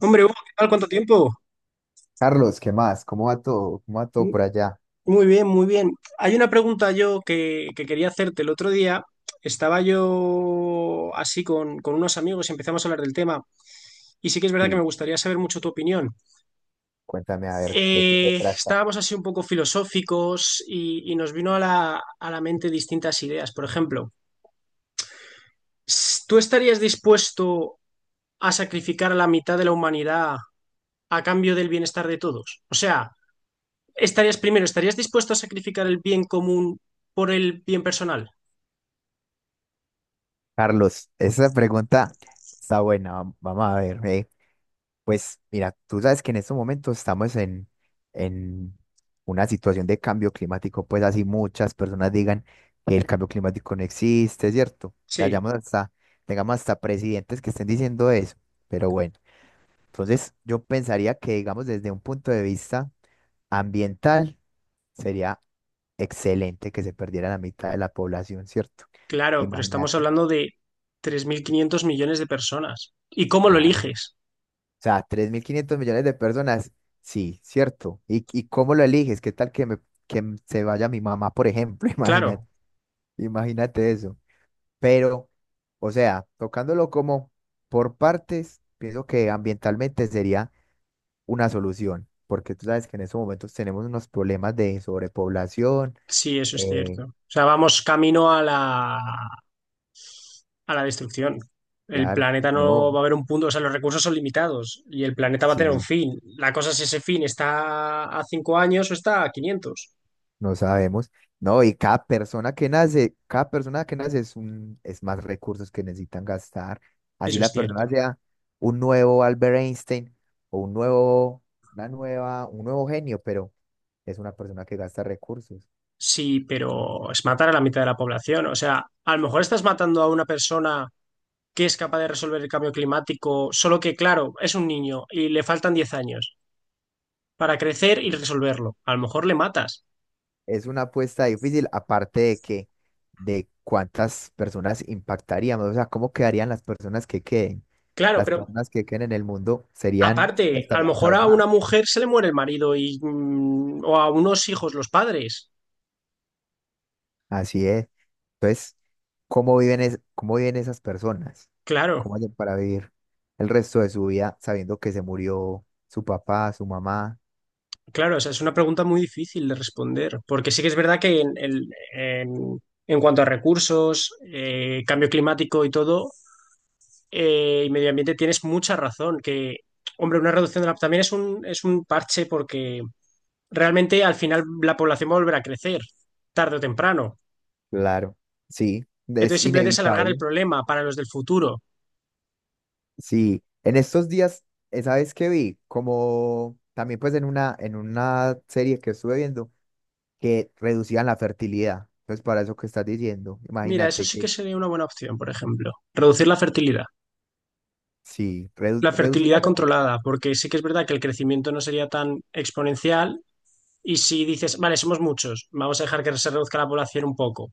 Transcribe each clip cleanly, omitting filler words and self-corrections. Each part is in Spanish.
Hombre, Hugo, ¿qué tal? ¿Cuánto tiempo? Carlos, ¿qué más? ¿Cómo va todo? ¿Cómo va todo por allá? Muy bien, muy bien. Hay una pregunta yo que quería hacerte. El otro día estaba yo así con unos amigos y empezamos a hablar del tema. Y sí que es verdad que me Sí, gustaría saber mucho tu opinión. cuéntame a ver de qué se trata. Estábamos así un poco filosóficos y nos vino a la mente distintas ideas. Por ejemplo, ¿tú estarías dispuesto a sacrificar a la mitad de la humanidad a cambio del bienestar de todos? O sea... Estarías primero, ¿estarías dispuesto a sacrificar el bien común por el bien personal? Carlos, esa pregunta está buena. Vamos a ver. Pues mira, tú sabes que en estos momentos estamos en una situación de cambio climático, pues así muchas personas digan que el cambio climático no existe, ¿cierto? Que Sí, hayamos hasta, tengamos hasta presidentes que estén diciendo eso. Pero bueno, entonces yo pensaría que, digamos, desde un punto de vista ambiental, sería excelente que se perdiera la mitad de la población, ¿cierto? claro, pero estamos Imagínate, hablando de 3.500 millones de personas. ¿Y cómo lo claro. eliges? O sea, 3.500 millones de personas, sí, ¿cierto? ¿Y, cómo lo eliges? ¿Qué tal que, se vaya mi mamá, por ejemplo? Imagínate, Claro, imagínate eso. Pero, o sea, tocándolo como por partes, pienso que ambientalmente sería una solución, porque tú sabes que en estos momentos tenemos unos problemas de sobrepoblación. sí, eso es eh, cierto. O sea, vamos camino a la destrucción. El claro, planeta no no, va a haber un punto, o sea, los recursos son limitados y el planeta va a tener un sí. fin. La cosa es si ese fin está a 5 años o está a 500. No sabemos. No, y cada persona que nace es es más recursos que necesitan gastar. Así Eso es la persona cierto. sea un nuevo Albert Einstein o un nuevo, una nueva, un nuevo genio, pero es una persona que gasta recursos. Sí, pero es matar a la mitad de la población. O sea, a lo mejor estás matando a una persona que es capaz de resolver el cambio climático, solo que, claro, es un niño y le faltan 10 años para crecer y Sí. resolverlo. A lo mejor le matas. Es una apuesta difícil, aparte de que, de cuántas personas impactaríamos, o sea, cómo quedarían las personas que queden. Claro, Las pero personas que queden en el mundo serían, pues, aparte, a lo estarían mejor a traumadas. una mujer se le muere el marido y, o a unos hijos los padres. Así es. Entonces, ¿cómo viven, cómo viven esas personas? Claro, ¿Cómo hacen para vivir el resto de su vida sabiendo que se murió su papá, su mamá? claro, o sea, es una pregunta muy difícil de responder, porque sí que es verdad que en cuanto a recursos, cambio climático y todo, y medio ambiente, tienes mucha razón. Que, hombre, una reducción de la también es un parche porque realmente al final la población va a volver a crecer, tarde o temprano. Claro, sí, Entonces es simplemente es alargar el inevitable. problema para los del futuro. Sí, en estos días, esa vez que vi, como también pues en una serie que estuve viendo, que reducían la fertilidad, pues para eso que estás diciendo, Mira, eso imagínate sí que que sería una buena opción, por ejemplo. Reducir la fertilidad. sí, La reducir fertilidad la fertilidad, controlada, porque sí que es verdad que el crecimiento no sería tan exponencial. Y si dices, vale, somos muchos, vamos a dejar que se reduzca la población un poco.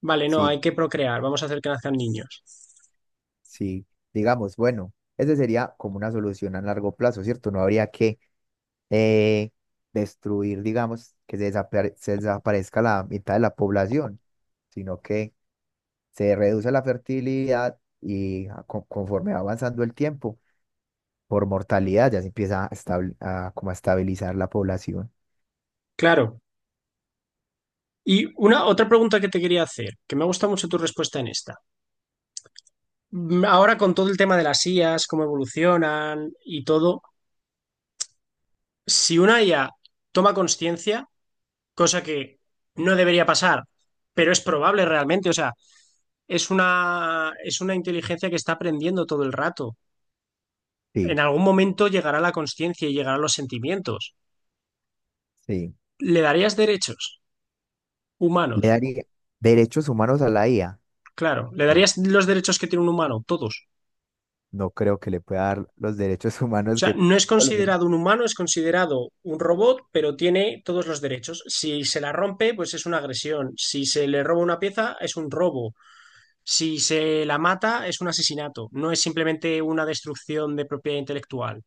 Vale, no, sí. hay que procrear, vamos a hacer que nazcan niños. Sí, digamos, bueno, esa sería como una solución a largo plazo, ¿cierto? No habría que eh, destruir, digamos, que se desaparezca la mitad de la población, sino que se reduce la fertilidad y conforme va avanzando el tiempo, por mortalidad ya se empieza a, a como a estabilizar la población. Claro. Y una otra pregunta que te quería hacer, que me ha gustado mucho tu respuesta en esta. Ahora con todo el tema de las IAs, cómo evolucionan y todo, si una IA toma conciencia, cosa que no debería pasar, pero es probable realmente, o sea, es una inteligencia que está aprendiendo todo el rato. Sí, En algún momento llegará la conciencia y llegarán los sentimientos. sí. ¿Le darías derechos ¿Le humanos? daría derechos humanos a la IA? Claro, ¿le No, darías los derechos que tiene un humano? Todos. no creo que le pueda dar los derechos O humanos sea, que... no es considerado un humano, es considerado un robot, pero tiene todos los derechos. Si se la rompe, pues es una agresión. Si se le roba una pieza, es un robo. Si se la mata, es un asesinato. No es simplemente una destrucción de propiedad intelectual.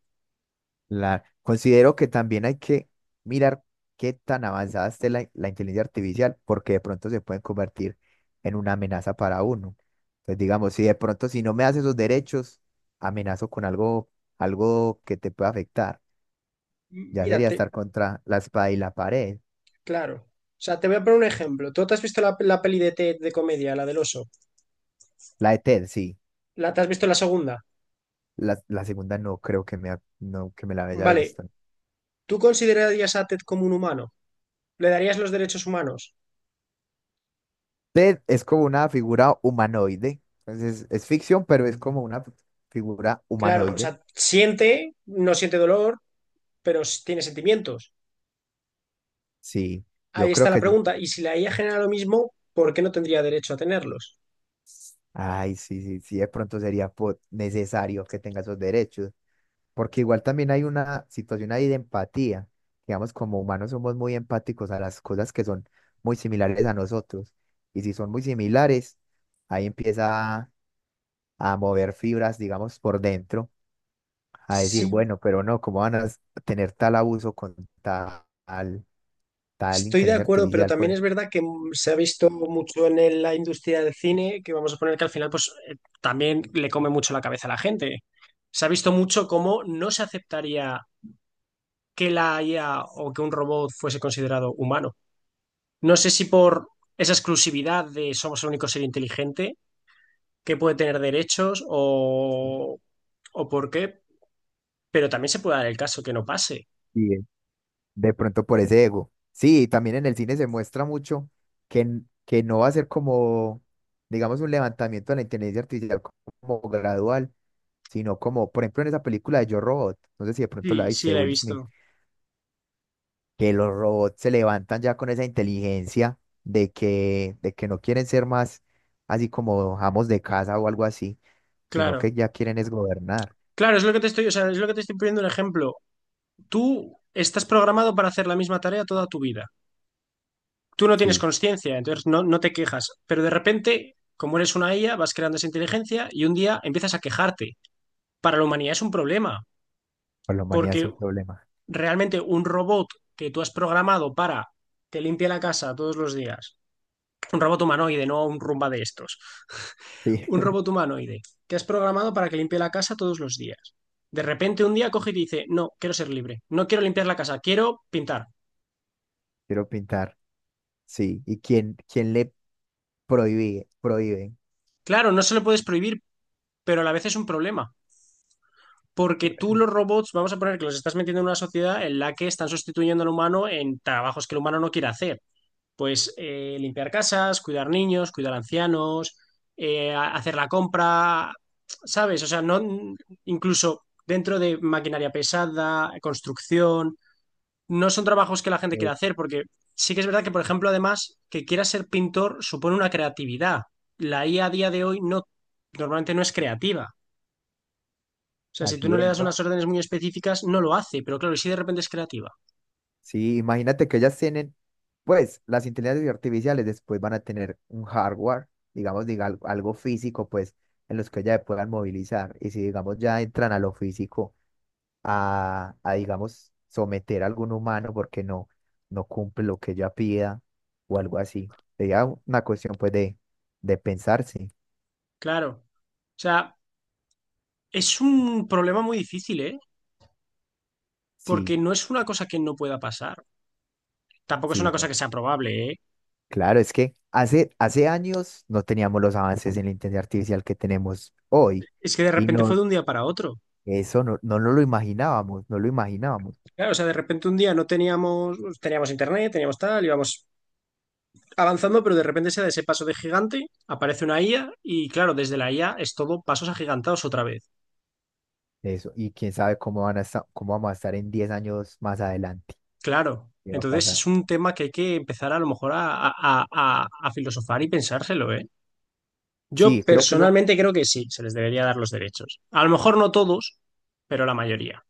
La, considero que también hay que mirar qué tan avanzada esté la inteligencia artificial, porque de pronto se pueden convertir en una amenaza para uno. Entonces, digamos, si de pronto si no me das esos derechos, amenazo con algo, algo que te pueda afectar. Ya sería Mírate, estar contra la espada y la pared. claro. O sea, te voy a poner un ejemplo. ¿Tú te has visto la peli de Ted de comedia, la del oso? La de Ted, sí. ¿Te has visto la segunda? La segunda no creo que me, ha- no, que me la haya Vale, visto. ¿tú considerarías a Ted como un humano? ¿Le darías los derechos humanos? Ted es como una figura humanoide. Entonces, es ficción, pero es como una figura Claro, o humanoide. sea, siente, no siente dolor, pero tiene sentimientos. Sí. Ahí Yo está creo la que sí. pregunta. Y si la IA genera lo mismo, ¿por qué no tendría derecho a tenerlos? Ay, sí, sí, sí, de pronto sería necesario que tenga esos derechos, porque igual también hay una situación ahí de empatía. Digamos, como humanos somos muy empáticos a las cosas que son muy similares a nosotros, y si son muy similares, ahí a mover fibras, digamos, por dentro, a decir, Sí, bueno, pero no, ¿cómo van a s- tener tal abuso con tal, tal estoy de inteligencia acuerdo, pero artificial, por también es ejemplo. verdad que se ha visto mucho en la industria del cine, que vamos a poner que al final, pues también le come mucho la cabeza a la gente. Se ha visto mucho cómo no se aceptaría que la IA o que un robot fuese considerado humano. No sé si por esa exclusividad de somos el único ser inteligente que puede tener derechos o por qué, pero también se puede dar el caso que no pase. De pronto por ese ego. Sí, también en el cine se muestra mucho que, que no va a ser como, digamos, un levantamiento de la inteligencia artificial como gradual, sino como, por ejemplo, en esa película de Yo Robot, no sé si de pronto Sí, la viste, sí, de la he Will Smith, visto. que los robots se levantan ya con esa inteligencia de que no quieren ser más así como amos de casa o algo así, sino que Claro. ya quieren es gobernar. Claro, es lo que te estoy, o sea, es lo que te estoy poniendo un ejemplo. Tú estás programado para hacer la misma tarea toda tu vida. Tú no tienes Sí, conciencia, entonces no te quejas. Pero de repente, como eres una IA, vas creando esa inteligencia y un día empiezas a quejarte. Para la humanidad es un problema, para la humanidad es porque un problema. realmente un robot que tú has programado para que limpie la casa todos los días, un robot humanoide, no un rumba de estos. Sí, Un robot humanoide que has programado para que limpie la casa todos los días. De repente un día coge y te dice, no, quiero ser libre, no quiero limpiar la casa, quiero pintar. quiero pintar. Sí, y quién, quién le prohíbe, prohíben. Claro, no se lo puedes prohibir, pero a la vez es un problema, porque tú los robots, vamos a poner que los estás metiendo en una sociedad en la que están sustituyendo al humano en trabajos que el humano no quiere hacer. Pues limpiar casas, cuidar niños, cuidar ancianos, hacer la compra, ¿sabes? O sea, no incluso dentro de maquinaria pesada, construcción. No son trabajos que la gente quiera Eh, hacer, porque sí que es verdad que, por ejemplo, además, que quiera ser pintor supone una creatividad. La IA a día de hoy no, normalmente no es creativa. O sea, si tú Así no le es, das ¿no? unas órdenes muy específicas, no lo hace, pero claro, y si de repente es creativa. Sí, imagínate que ellas tienen, pues, las inteligencias artificiales después van a tener un hardware, digamos, algo físico, pues, en los que ellas se puedan movilizar. Y si, digamos, ya entran a lo físico, digamos, someter a algún humano porque no, no cumple lo que ella pida o algo así. Sería una cuestión, pues, de pensarse. Claro. O sea, es un problema muy difícil, ¿eh? Sí, Porque no es una cosa que no pueda pasar. Tampoco es una sí, cosa ¿no? que sea probable, ¿eh? Claro, es que hace años no teníamos los avances en la inteligencia artificial que tenemos hoy Es que de y repente fue no, de un día para otro. eso no, no nos lo imaginábamos, no lo imaginábamos Claro, o sea, de repente un día no teníamos, pues, teníamos internet, teníamos tal, íbamos avanzando, pero de repente se da ese paso de gigante, aparece una IA y claro, desde la IA es todo pasos agigantados otra vez. eso, y quién sabe cómo van a estar, cómo vamos a estar en 10 años más adelante, Claro. qué va a Entonces pasar. es un tema que hay que empezar a lo mejor a, a filosofar y pensárselo, ¿eh? Yo Sí, creo que eso, personalmente creo que sí, se les debería dar los derechos. A lo mejor no todos, pero la mayoría.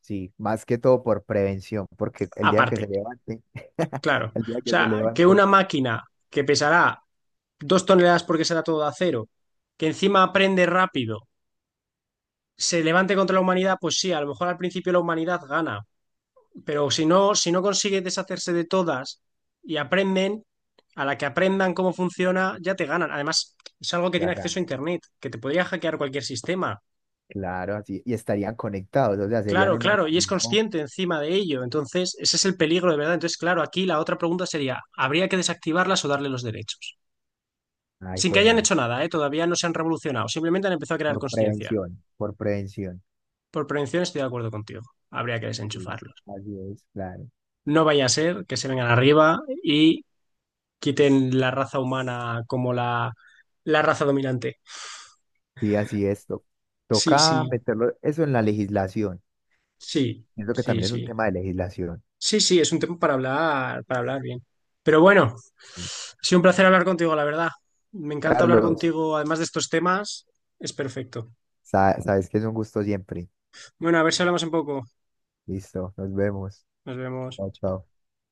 sí, más que todo por prevención, porque el día que Aparte, se levanten, claro. O el día que se sea, que levanten, una máquina que pesará 2 toneladas porque será todo de acero, que encima aprende rápido, se levante contra la humanidad, pues sí, a lo mejor al principio la humanidad gana. Pero si no, si no consigues deshacerse de todas y aprenden, a la que aprendan cómo funciona, ya te ganan. Además, es algo que ya tiene ganan. acceso a Internet, que te podría hackear cualquier sistema. Claro, así, y estarían conectados, o sea, serían Claro, un claro, y es organismo, consciente encima de ello. Entonces, ese es el peligro de verdad. Entonces, claro, aquí la otra pregunta sería, ¿habría que desactivarlas o darle los derechos? ay, Sin hijo que de hayan madre, hecho nada, ¿eh? Todavía no se han revolucionado, simplemente han empezado a crear por conciencia. prevención, por prevención. Por prevención estoy de acuerdo contigo, habría que Sí, desenchufarlos. así es, claro. No vaya a ser que se vengan arriba y quiten la raza humana como la raza dominante. Sí, así es. Sí, sí, Toca meterlo eso en la legislación. sí, Siento que sí, también es un sí. tema de legislación. Sí, sí, es un tema para hablar bien. Pero bueno, Sí. ha sido un placer hablar contigo, la verdad. Me encanta hablar Carlos, contigo, además de estos temas, es perfecto. Sabes que es un gusto siempre. Bueno, a ver si hablamos un poco. Listo, nos vemos. Nos vemos. Chao, chao.